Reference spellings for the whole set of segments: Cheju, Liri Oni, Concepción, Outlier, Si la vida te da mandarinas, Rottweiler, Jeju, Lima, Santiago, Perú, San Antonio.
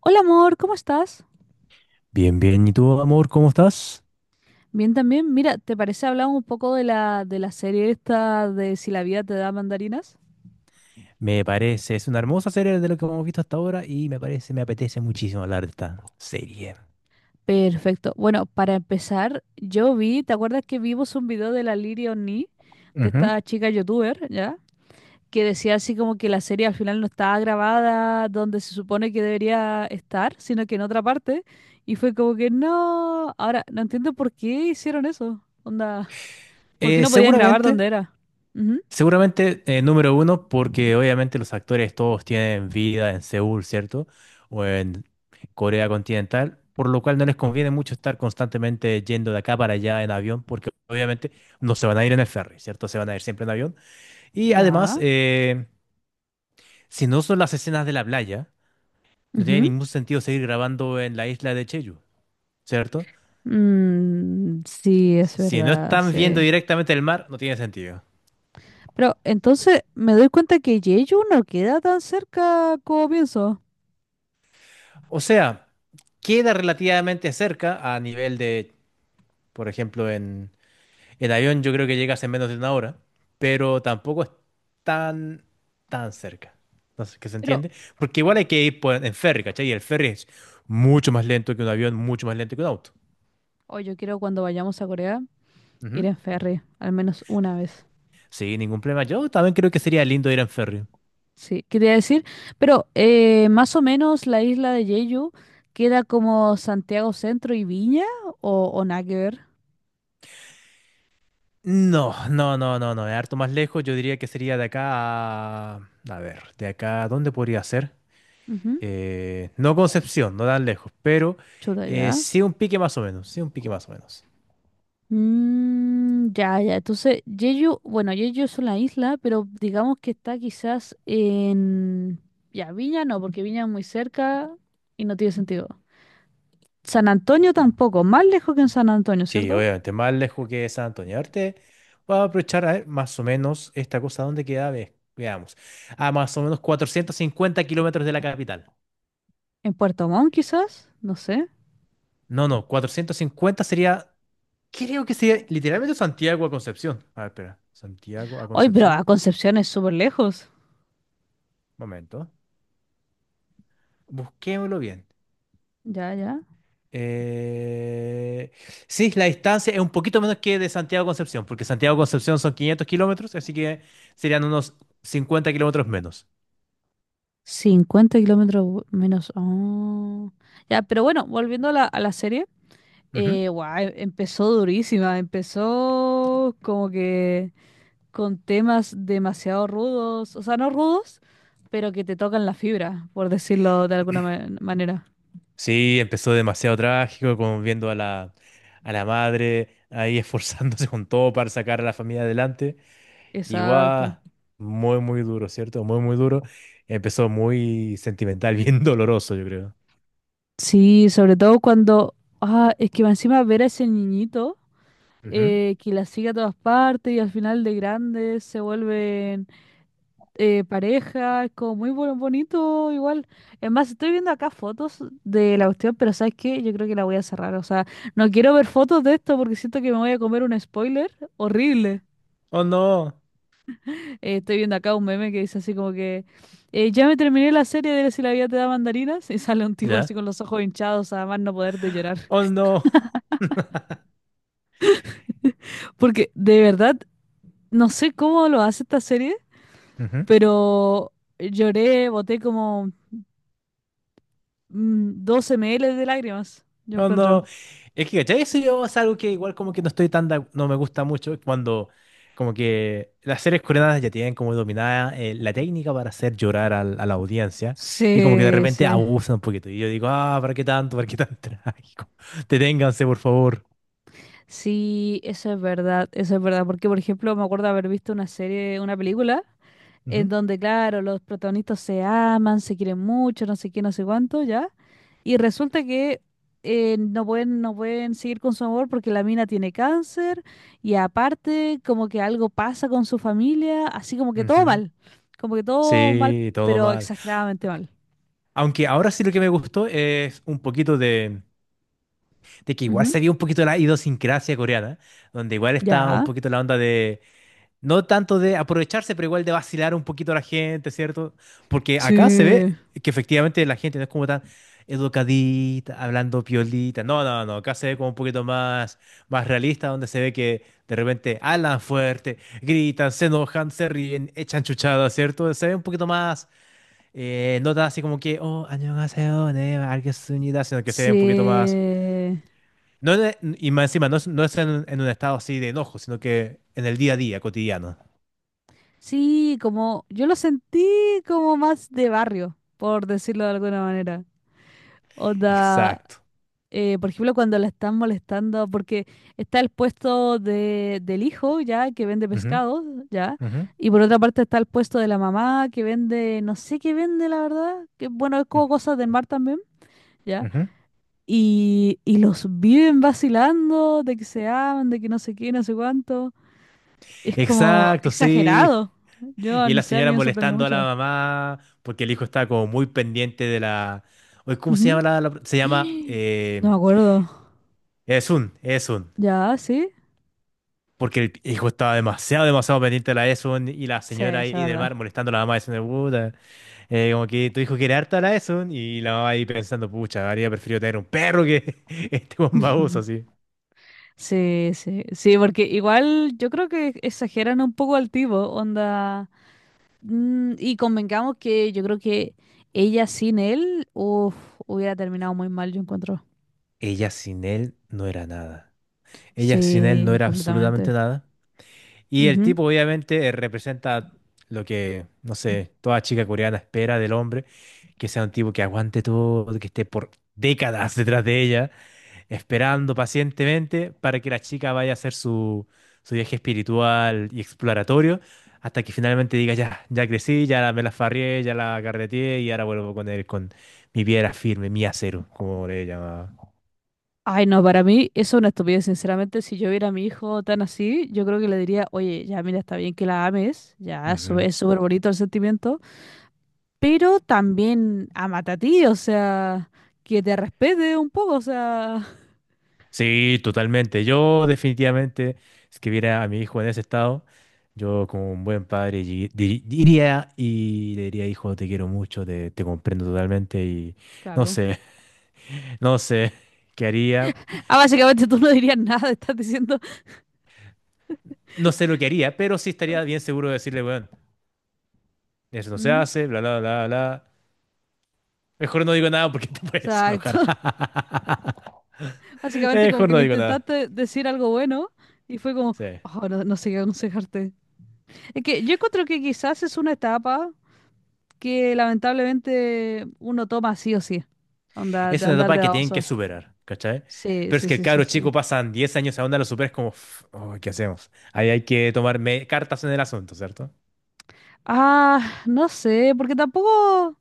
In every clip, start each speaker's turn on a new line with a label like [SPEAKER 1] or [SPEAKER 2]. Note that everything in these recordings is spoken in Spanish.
[SPEAKER 1] Hola amor, ¿cómo estás?
[SPEAKER 2] Bien, bien. ¿Y tú, amor, cómo estás?
[SPEAKER 1] Bien también. Mira, ¿te parece hablar un poco de la serie esta de Si la vida te da mandarinas?
[SPEAKER 2] Me parece, es una hermosa serie de lo que hemos visto hasta ahora y me parece, me apetece muchísimo hablar de esta serie.
[SPEAKER 1] Perfecto. Bueno, para empezar, yo vi, ¿te acuerdas que vimos un video de la Liri Oni, de
[SPEAKER 2] Ujú.
[SPEAKER 1] esta chica youtuber, ¿ya? Que decía así como que la serie al final no estaba grabada donde se supone que debería estar, sino que en otra parte. Y fue como que no. Ahora, no entiendo por qué hicieron eso. Onda, ¿por qué
[SPEAKER 2] Eh,
[SPEAKER 1] no podían grabar donde
[SPEAKER 2] seguramente,
[SPEAKER 1] era? Ujú.
[SPEAKER 2] seguramente, número uno, porque obviamente los actores todos tienen vida en Seúl, ¿cierto? O en Corea continental, por lo cual no les conviene mucho estar constantemente yendo de acá para allá en avión, porque obviamente no se van a ir en el ferry, ¿cierto? Se van a ir siempre en avión. Y además,
[SPEAKER 1] Ya.
[SPEAKER 2] si no son las escenas de la playa, no tiene
[SPEAKER 1] Ujú.
[SPEAKER 2] ningún sentido seguir grabando en la isla de Cheju, ¿cierto?
[SPEAKER 1] Mm, sí, es
[SPEAKER 2] Si no
[SPEAKER 1] verdad,
[SPEAKER 2] están viendo
[SPEAKER 1] sí.
[SPEAKER 2] directamente el mar, no tiene sentido.
[SPEAKER 1] Pero entonces me doy cuenta que Jeju no queda tan cerca como pienso.
[SPEAKER 2] O sea, queda relativamente cerca a nivel de, por ejemplo, en el avión yo creo que llegas en menos de una hora, pero tampoco es tan, tan cerca. No sé, ¿qué se
[SPEAKER 1] Pero,
[SPEAKER 2] entiende? Porque igual hay que en ferry, ¿cachai? Y el ferry es mucho más lento que un avión, mucho más lento que un auto.
[SPEAKER 1] oh, yo quiero cuando vayamos a Corea ir
[SPEAKER 2] Ujú.
[SPEAKER 1] en ferry, al menos una vez.
[SPEAKER 2] Sí, ningún problema. Yo también creo que sería lindo ir en ferry.
[SPEAKER 1] Sí, quería decir. Pero más o menos la isla de Jeju queda como Santiago Centro y Viña o nada que ver.
[SPEAKER 2] No, no, no, no, no, es harto más lejos. Yo diría que sería de acá a... A ver, de acá, ¿dónde podría ser?
[SPEAKER 1] Ujú.
[SPEAKER 2] No Concepción, no tan lejos, pero
[SPEAKER 1] Chuta ya.
[SPEAKER 2] sí un pique más o menos, sí un pique más o menos.
[SPEAKER 1] Mm, ya, ya. Entonces, Jeju, bueno, Jeju es una isla, pero digamos que está quizás en... Ya, Viña no, porque Viña es muy cerca y no tiene sentido. San Antonio tampoco, más lejos que en San Antonio,
[SPEAKER 2] Sí,
[SPEAKER 1] ¿cierto?
[SPEAKER 2] obviamente, más lejos que San Antonio. Ahorita voy a aprovechar a ver más o menos esta cosa, ¿dónde queda? Veamos. A más o menos 450 kilómetros de la capital.
[SPEAKER 1] En Puerto Montt quizás, no sé.
[SPEAKER 2] No, no, 450 sería, creo que sería literalmente Santiago a Concepción. A ver, espera, Santiago a
[SPEAKER 1] Hoy, pero a
[SPEAKER 2] Concepción.
[SPEAKER 1] Concepción es súper lejos.
[SPEAKER 2] Momento. Busquémoslo bien.
[SPEAKER 1] Ya, ya.
[SPEAKER 2] Eh, sí, la distancia es un poquito menos que de Santiago a Concepción, porque Santiago a Concepción son 500 kilómetros, así que serían unos 50 kilómetros menos.
[SPEAKER 1] 50 kilómetros menos. Ah. Ya, pero bueno, volviendo a la serie.
[SPEAKER 2] Ujú.
[SPEAKER 1] Guau, empezó durísima, empezó como que... con temas demasiado rudos, o sea, no rudos, pero que te tocan la fibra, por decirlo de alguna manera.
[SPEAKER 2] Sí, empezó demasiado trágico, como viendo a la madre ahí esforzándose con todo para sacar a la familia adelante. Y guau,
[SPEAKER 1] Exacto.
[SPEAKER 2] muy, muy duro, ¿cierto? Muy, muy duro. Empezó muy sentimental, bien doloroso, yo creo.
[SPEAKER 1] Sí, sobre todo cuando, ah, es que encima ver a ese niñito
[SPEAKER 2] Ujú.
[SPEAKER 1] que la sigue a todas partes y al final de grandes se vuelven pareja, es como muy bonito igual. Es más, estoy viendo acá fotos de la cuestión, pero ¿sabes qué? Yo creo que la voy a cerrar, o sea, no quiero ver fotos de esto porque siento que me voy a comer un spoiler horrible.
[SPEAKER 2] Oh no,
[SPEAKER 1] Estoy viendo acá un meme que dice así como que ya me terminé la serie de Si la vida te da mandarinas y sale un tipo así
[SPEAKER 2] ¿ya?
[SPEAKER 1] con los ojos hinchados a más no poder de llorar.
[SPEAKER 2] Oh no.
[SPEAKER 1] Porque de verdad, no sé cómo lo hace esta serie,
[SPEAKER 2] Ujú.
[SPEAKER 1] pero lloré, boté como 12 ml de lágrimas, yo
[SPEAKER 2] No,
[SPEAKER 1] encuentro.
[SPEAKER 2] no. Es que, ¿cachai? Eso yo es algo que igual como que no estoy no me gusta mucho cuando como que las series coreanas ya tienen como dominada la técnica para hacer llorar a la audiencia y como que de
[SPEAKER 1] Sí,
[SPEAKER 2] repente
[SPEAKER 1] sí.
[SPEAKER 2] abusan un poquito. Y yo digo, ah, ¿para qué tanto? ¿Para qué tan trágico? Deténganse, por favor.
[SPEAKER 1] Sí, eso es verdad, porque por ejemplo me acuerdo haber visto una serie, una película, en
[SPEAKER 2] Ujú,
[SPEAKER 1] donde claro, los protagonistas se aman, se quieren mucho, no sé qué, no sé cuánto, ¿ya? Y resulta que no pueden seguir con su amor porque la mina tiene cáncer y aparte como que algo pasa con su familia, así como que todo
[SPEAKER 2] ujú.
[SPEAKER 1] mal, como que todo mal,
[SPEAKER 2] Sí, todo
[SPEAKER 1] pero
[SPEAKER 2] mal.
[SPEAKER 1] exageradamente mal.
[SPEAKER 2] Aunque ahora sí lo que me gustó es un poquito de que igual
[SPEAKER 1] Ujú.
[SPEAKER 2] se vio un poquito la idiosincrasia coreana, donde igual está un
[SPEAKER 1] Ya.
[SPEAKER 2] poquito la onda de... No tanto de aprovecharse, pero igual de vacilar un poquito a la gente, ¿cierto? Porque acá se
[SPEAKER 1] Sí.
[SPEAKER 2] ve que efectivamente la gente no es como tan educadita, hablando piolita. No, no, no. Acá se ve como un poquito más, más realista, donde se ve que de repente hablan fuerte, gritan, se enojan, se ríen, echan chuchadas, ¿cierto? Se ve un poquito más, no tan así como que, oh, 안녕하세요, 네, 알겠습니다", sino que se ve un poquito más.
[SPEAKER 1] Sí.
[SPEAKER 2] No, y más encima, no es en un estado así de enojo, sino que en el día a día, cotidiano.
[SPEAKER 1] Sí, como yo lo sentí como más de barrio, por decirlo de alguna manera. Onda,
[SPEAKER 2] Exacto.
[SPEAKER 1] por ejemplo, cuando la están molestando, porque está el puesto del hijo, ya, que vende
[SPEAKER 2] Ujú,
[SPEAKER 1] pescado, ya,
[SPEAKER 2] ujú,
[SPEAKER 1] y por otra parte está el puesto de la mamá, que vende, no sé qué vende, la verdad, que bueno, es
[SPEAKER 2] ujú,
[SPEAKER 1] como cosas del mar también, ya,
[SPEAKER 2] ujú.
[SPEAKER 1] y los viven vacilando de que se aman, de que no sé qué, no sé cuánto. Es como
[SPEAKER 2] Exacto, sí.
[SPEAKER 1] exagerado. Yo,
[SPEAKER 2] Y
[SPEAKER 1] no
[SPEAKER 2] la
[SPEAKER 1] sé, a mí
[SPEAKER 2] señora
[SPEAKER 1] me sorprende
[SPEAKER 2] molestando a la
[SPEAKER 1] mucho.
[SPEAKER 2] mamá porque el hijo estaba como muy pendiente de la... Oye, ¿cómo se
[SPEAKER 1] Ujú.
[SPEAKER 2] llama se llama...
[SPEAKER 1] No me acuerdo.
[SPEAKER 2] Esun, Esun.
[SPEAKER 1] ¿Ya? ¿Sí?
[SPEAKER 2] Porque el hijo estaba demasiado, demasiado pendiente de la Esun y la
[SPEAKER 1] Sí,
[SPEAKER 2] señora
[SPEAKER 1] es
[SPEAKER 2] ahí del
[SPEAKER 1] verdad.
[SPEAKER 2] mar molestando a la mamá diciendo, puta, como que tu hijo quiere harta a la Esun y la mamá ahí pensando, pucha, habría preferido tener un perro que este bombabuzo así.
[SPEAKER 1] Sí, sí, sí, porque igual yo creo que exageran un poco al tipo, onda. Y convengamos que yo creo que ella sin él, uf, hubiera terminado muy mal, yo encuentro.
[SPEAKER 2] Ella sin él no era nada. Ella sin él no
[SPEAKER 1] Sí,
[SPEAKER 2] era absolutamente
[SPEAKER 1] completamente.
[SPEAKER 2] nada. Y el
[SPEAKER 1] Ujú.
[SPEAKER 2] tipo obviamente representa lo que, no sé, toda chica coreana espera del hombre, que sea un tipo que aguante todo, que esté por décadas detrás de ella, esperando pacientemente para que la chica vaya a hacer su, su viaje espiritual y exploratorio, hasta que finalmente diga, ya, ya crecí, me la farrié, ya la carreteé y ahora vuelvo con él, con mi piedra firme, mi acero, como le llamaba.
[SPEAKER 1] Ay, no, para mí eso es una estupidez, sinceramente. Si yo viera a mi hijo tan así, yo creo que le diría, oye, ya mira, está bien que la ames, ya, eso es súper bonito el sentimiento, pero también amate a ti, o sea, que te respete un poco, o sea,
[SPEAKER 2] Sí, totalmente. Yo definitivamente, si que viera a mi hijo en ese estado, yo como un buen padre diría y le diría, hijo, te quiero mucho, te comprendo totalmente y no
[SPEAKER 1] claro.
[SPEAKER 2] sé, no sé qué haría,
[SPEAKER 1] Ah, básicamente tú no dirías nada, estás diciendo.
[SPEAKER 2] no sé lo que haría, pero sí estaría bien seguro de decirle, bueno, eso no se
[SPEAKER 1] Mm,
[SPEAKER 2] hace, bla, bla, bla, bla. Mejor no digo nada porque te puedes
[SPEAKER 1] exacto.
[SPEAKER 2] enojar.
[SPEAKER 1] Básicamente como
[SPEAKER 2] Mejor
[SPEAKER 1] que
[SPEAKER 2] no
[SPEAKER 1] le
[SPEAKER 2] digo nada.
[SPEAKER 1] intentaste decir algo bueno y fue como,
[SPEAKER 2] Sí.
[SPEAKER 1] oh, no, no sé qué aconsejarte. Es que yo encuentro que quizás es una etapa que lamentablemente uno toma sí o sí. Onda,
[SPEAKER 2] Es
[SPEAKER 1] de
[SPEAKER 2] una
[SPEAKER 1] andar
[SPEAKER 2] etapa
[SPEAKER 1] de
[SPEAKER 2] que tienen que
[SPEAKER 1] baboso.
[SPEAKER 2] superar, ¿cachai?
[SPEAKER 1] Sí,
[SPEAKER 2] Pero es
[SPEAKER 1] sí,
[SPEAKER 2] que el
[SPEAKER 1] sí, sí,
[SPEAKER 2] cabro chico
[SPEAKER 1] sí.
[SPEAKER 2] pasan 10 años a onda, lo superas como, "Uf, oh, ¿qué hacemos? Ahí hay que cartas en el asunto, ¿cierto?
[SPEAKER 1] Ah, no sé, porque tampoco.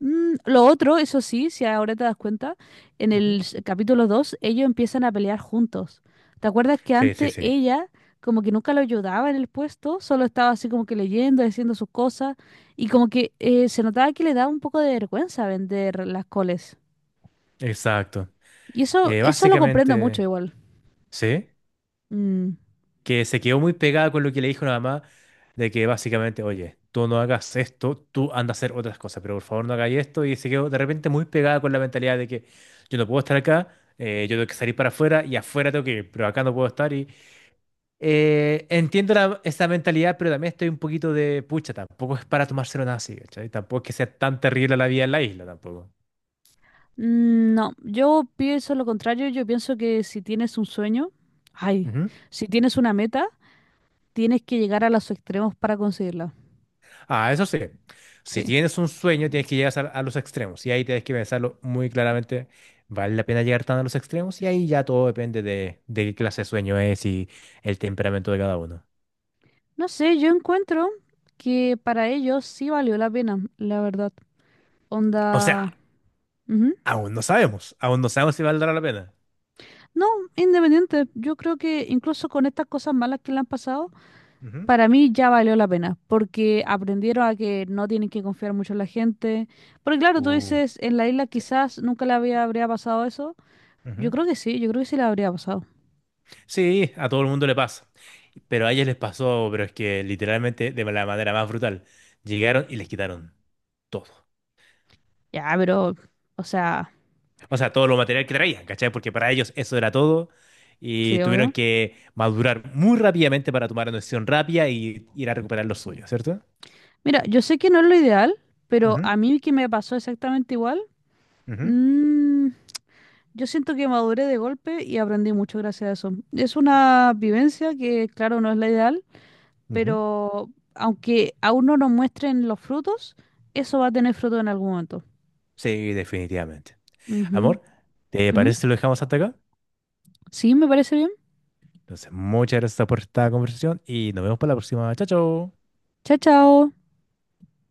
[SPEAKER 1] Mm, lo otro, eso sí, si ahora te das cuenta, en el
[SPEAKER 2] Ujú.
[SPEAKER 1] capítulo 2 ellos empiezan a pelear juntos. ¿Te acuerdas que
[SPEAKER 2] Sí, sí,
[SPEAKER 1] antes
[SPEAKER 2] sí.
[SPEAKER 1] ella como que nunca lo ayudaba en el puesto, solo estaba así como que leyendo, haciendo sus cosas y como que se notaba que le daba un poco de vergüenza vender las coles?
[SPEAKER 2] Exacto.
[SPEAKER 1] Y eso, eso lo comprendo mucho
[SPEAKER 2] Básicamente,
[SPEAKER 1] igual.
[SPEAKER 2] sí,
[SPEAKER 1] Mm,
[SPEAKER 2] que se quedó muy pegada con lo que le dijo la mamá, de que básicamente, oye, tú no hagas esto, tú anda a hacer otras cosas, pero por favor no hagáis esto. Y se quedó de repente muy pegada con la mentalidad de que yo no puedo estar acá, yo tengo que salir para afuera y afuera tengo que ir, pero acá no puedo estar. Entiendo esa mentalidad, pero también estoy un poquito de pucha, tampoco es para tomárselo nada así, ¿cachai? Tampoco es que sea tan terrible la vida en la isla, tampoco.
[SPEAKER 1] mm, no, yo pienso lo contrario, yo pienso que si tienes un sueño, ay,
[SPEAKER 2] Ujú.
[SPEAKER 1] si tienes una meta, tienes que llegar a los extremos para conseguirla.
[SPEAKER 2] Ah, eso sí, si
[SPEAKER 1] Sí.
[SPEAKER 2] tienes un sueño, tienes que llegar a los extremos y ahí tienes que pensarlo muy claramente. ¿Vale la pena llegar tan a los extremos? Y ahí ya todo depende de qué clase de sueño es y el temperamento de cada uno.
[SPEAKER 1] No sé, yo encuentro que para ellos sí valió la pena, la verdad.
[SPEAKER 2] O sea,
[SPEAKER 1] Onda... ujú.
[SPEAKER 2] aún no sabemos si valdrá la pena.
[SPEAKER 1] No, independiente. Yo creo que incluso con estas cosas malas que le han pasado,
[SPEAKER 2] Ujú.
[SPEAKER 1] para mí ya valió la pena, porque aprendieron a que no tienen que confiar mucho en la gente. Porque claro, tú
[SPEAKER 2] Uh,
[SPEAKER 1] dices, en la isla quizás nunca le habría pasado eso.
[SPEAKER 2] sí.
[SPEAKER 1] Yo creo que sí, yo creo que sí le habría pasado.
[SPEAKER 2] Sí, a todo el mundo le pasa. Pero a ellos les pasó, pero es que literalmente de la manera más brutal. Llegaron y les quitaron todo.
[SPEAKER 1] Ya, pero, o sea,
[SPEAKER 2] O sea, todo lo material que traían, ¿cachai? Porque para ellos eso era todo. Y
[SPEAKER 1] sí,
[SPEAKER 2] tuvieron
[SPEAKER 1] obvio.
[SPEAKER 2] que madurar muy rápidamente para tomar una decisión rápida y ir a recuperar lo suyo, ¿cierto?
[SPEAKER 1] Mira, yo sé que no es lo ideal, pero
[SPEAKER 2] Ujú,
[SPEAKER 1] a mí que me pasó exactamente igual.
[SPEAKER 2] ujú,
[SPEAKER 1] mm, Yo siento que maduré de golpe y aprendí mucho gracias a eso. Es una vivencia que, claro, no es la ideal,
[SPEAKER 2] ujú.
[SPEAKER 1] pero aunque aún no nos muestren los frutos, eso va a tener fruto en algún momento.
[SPEAKER 2] Sí, definitivamente.
[SPEAKER 1] Ujú,
[SPEAKER 2] Amor, ¿te
[SPEAKER 1] ujú.
[SPEAKER 2] parece si lo dejamos hasta acá?
[SPEAKER 1] Sí, me parece bien.
[SPEAKER 2] Entonces, muchas gracias por esta conversación y nos vemos para la próxima. Chao, chao.
[SPEAKER 1] Chao, chao.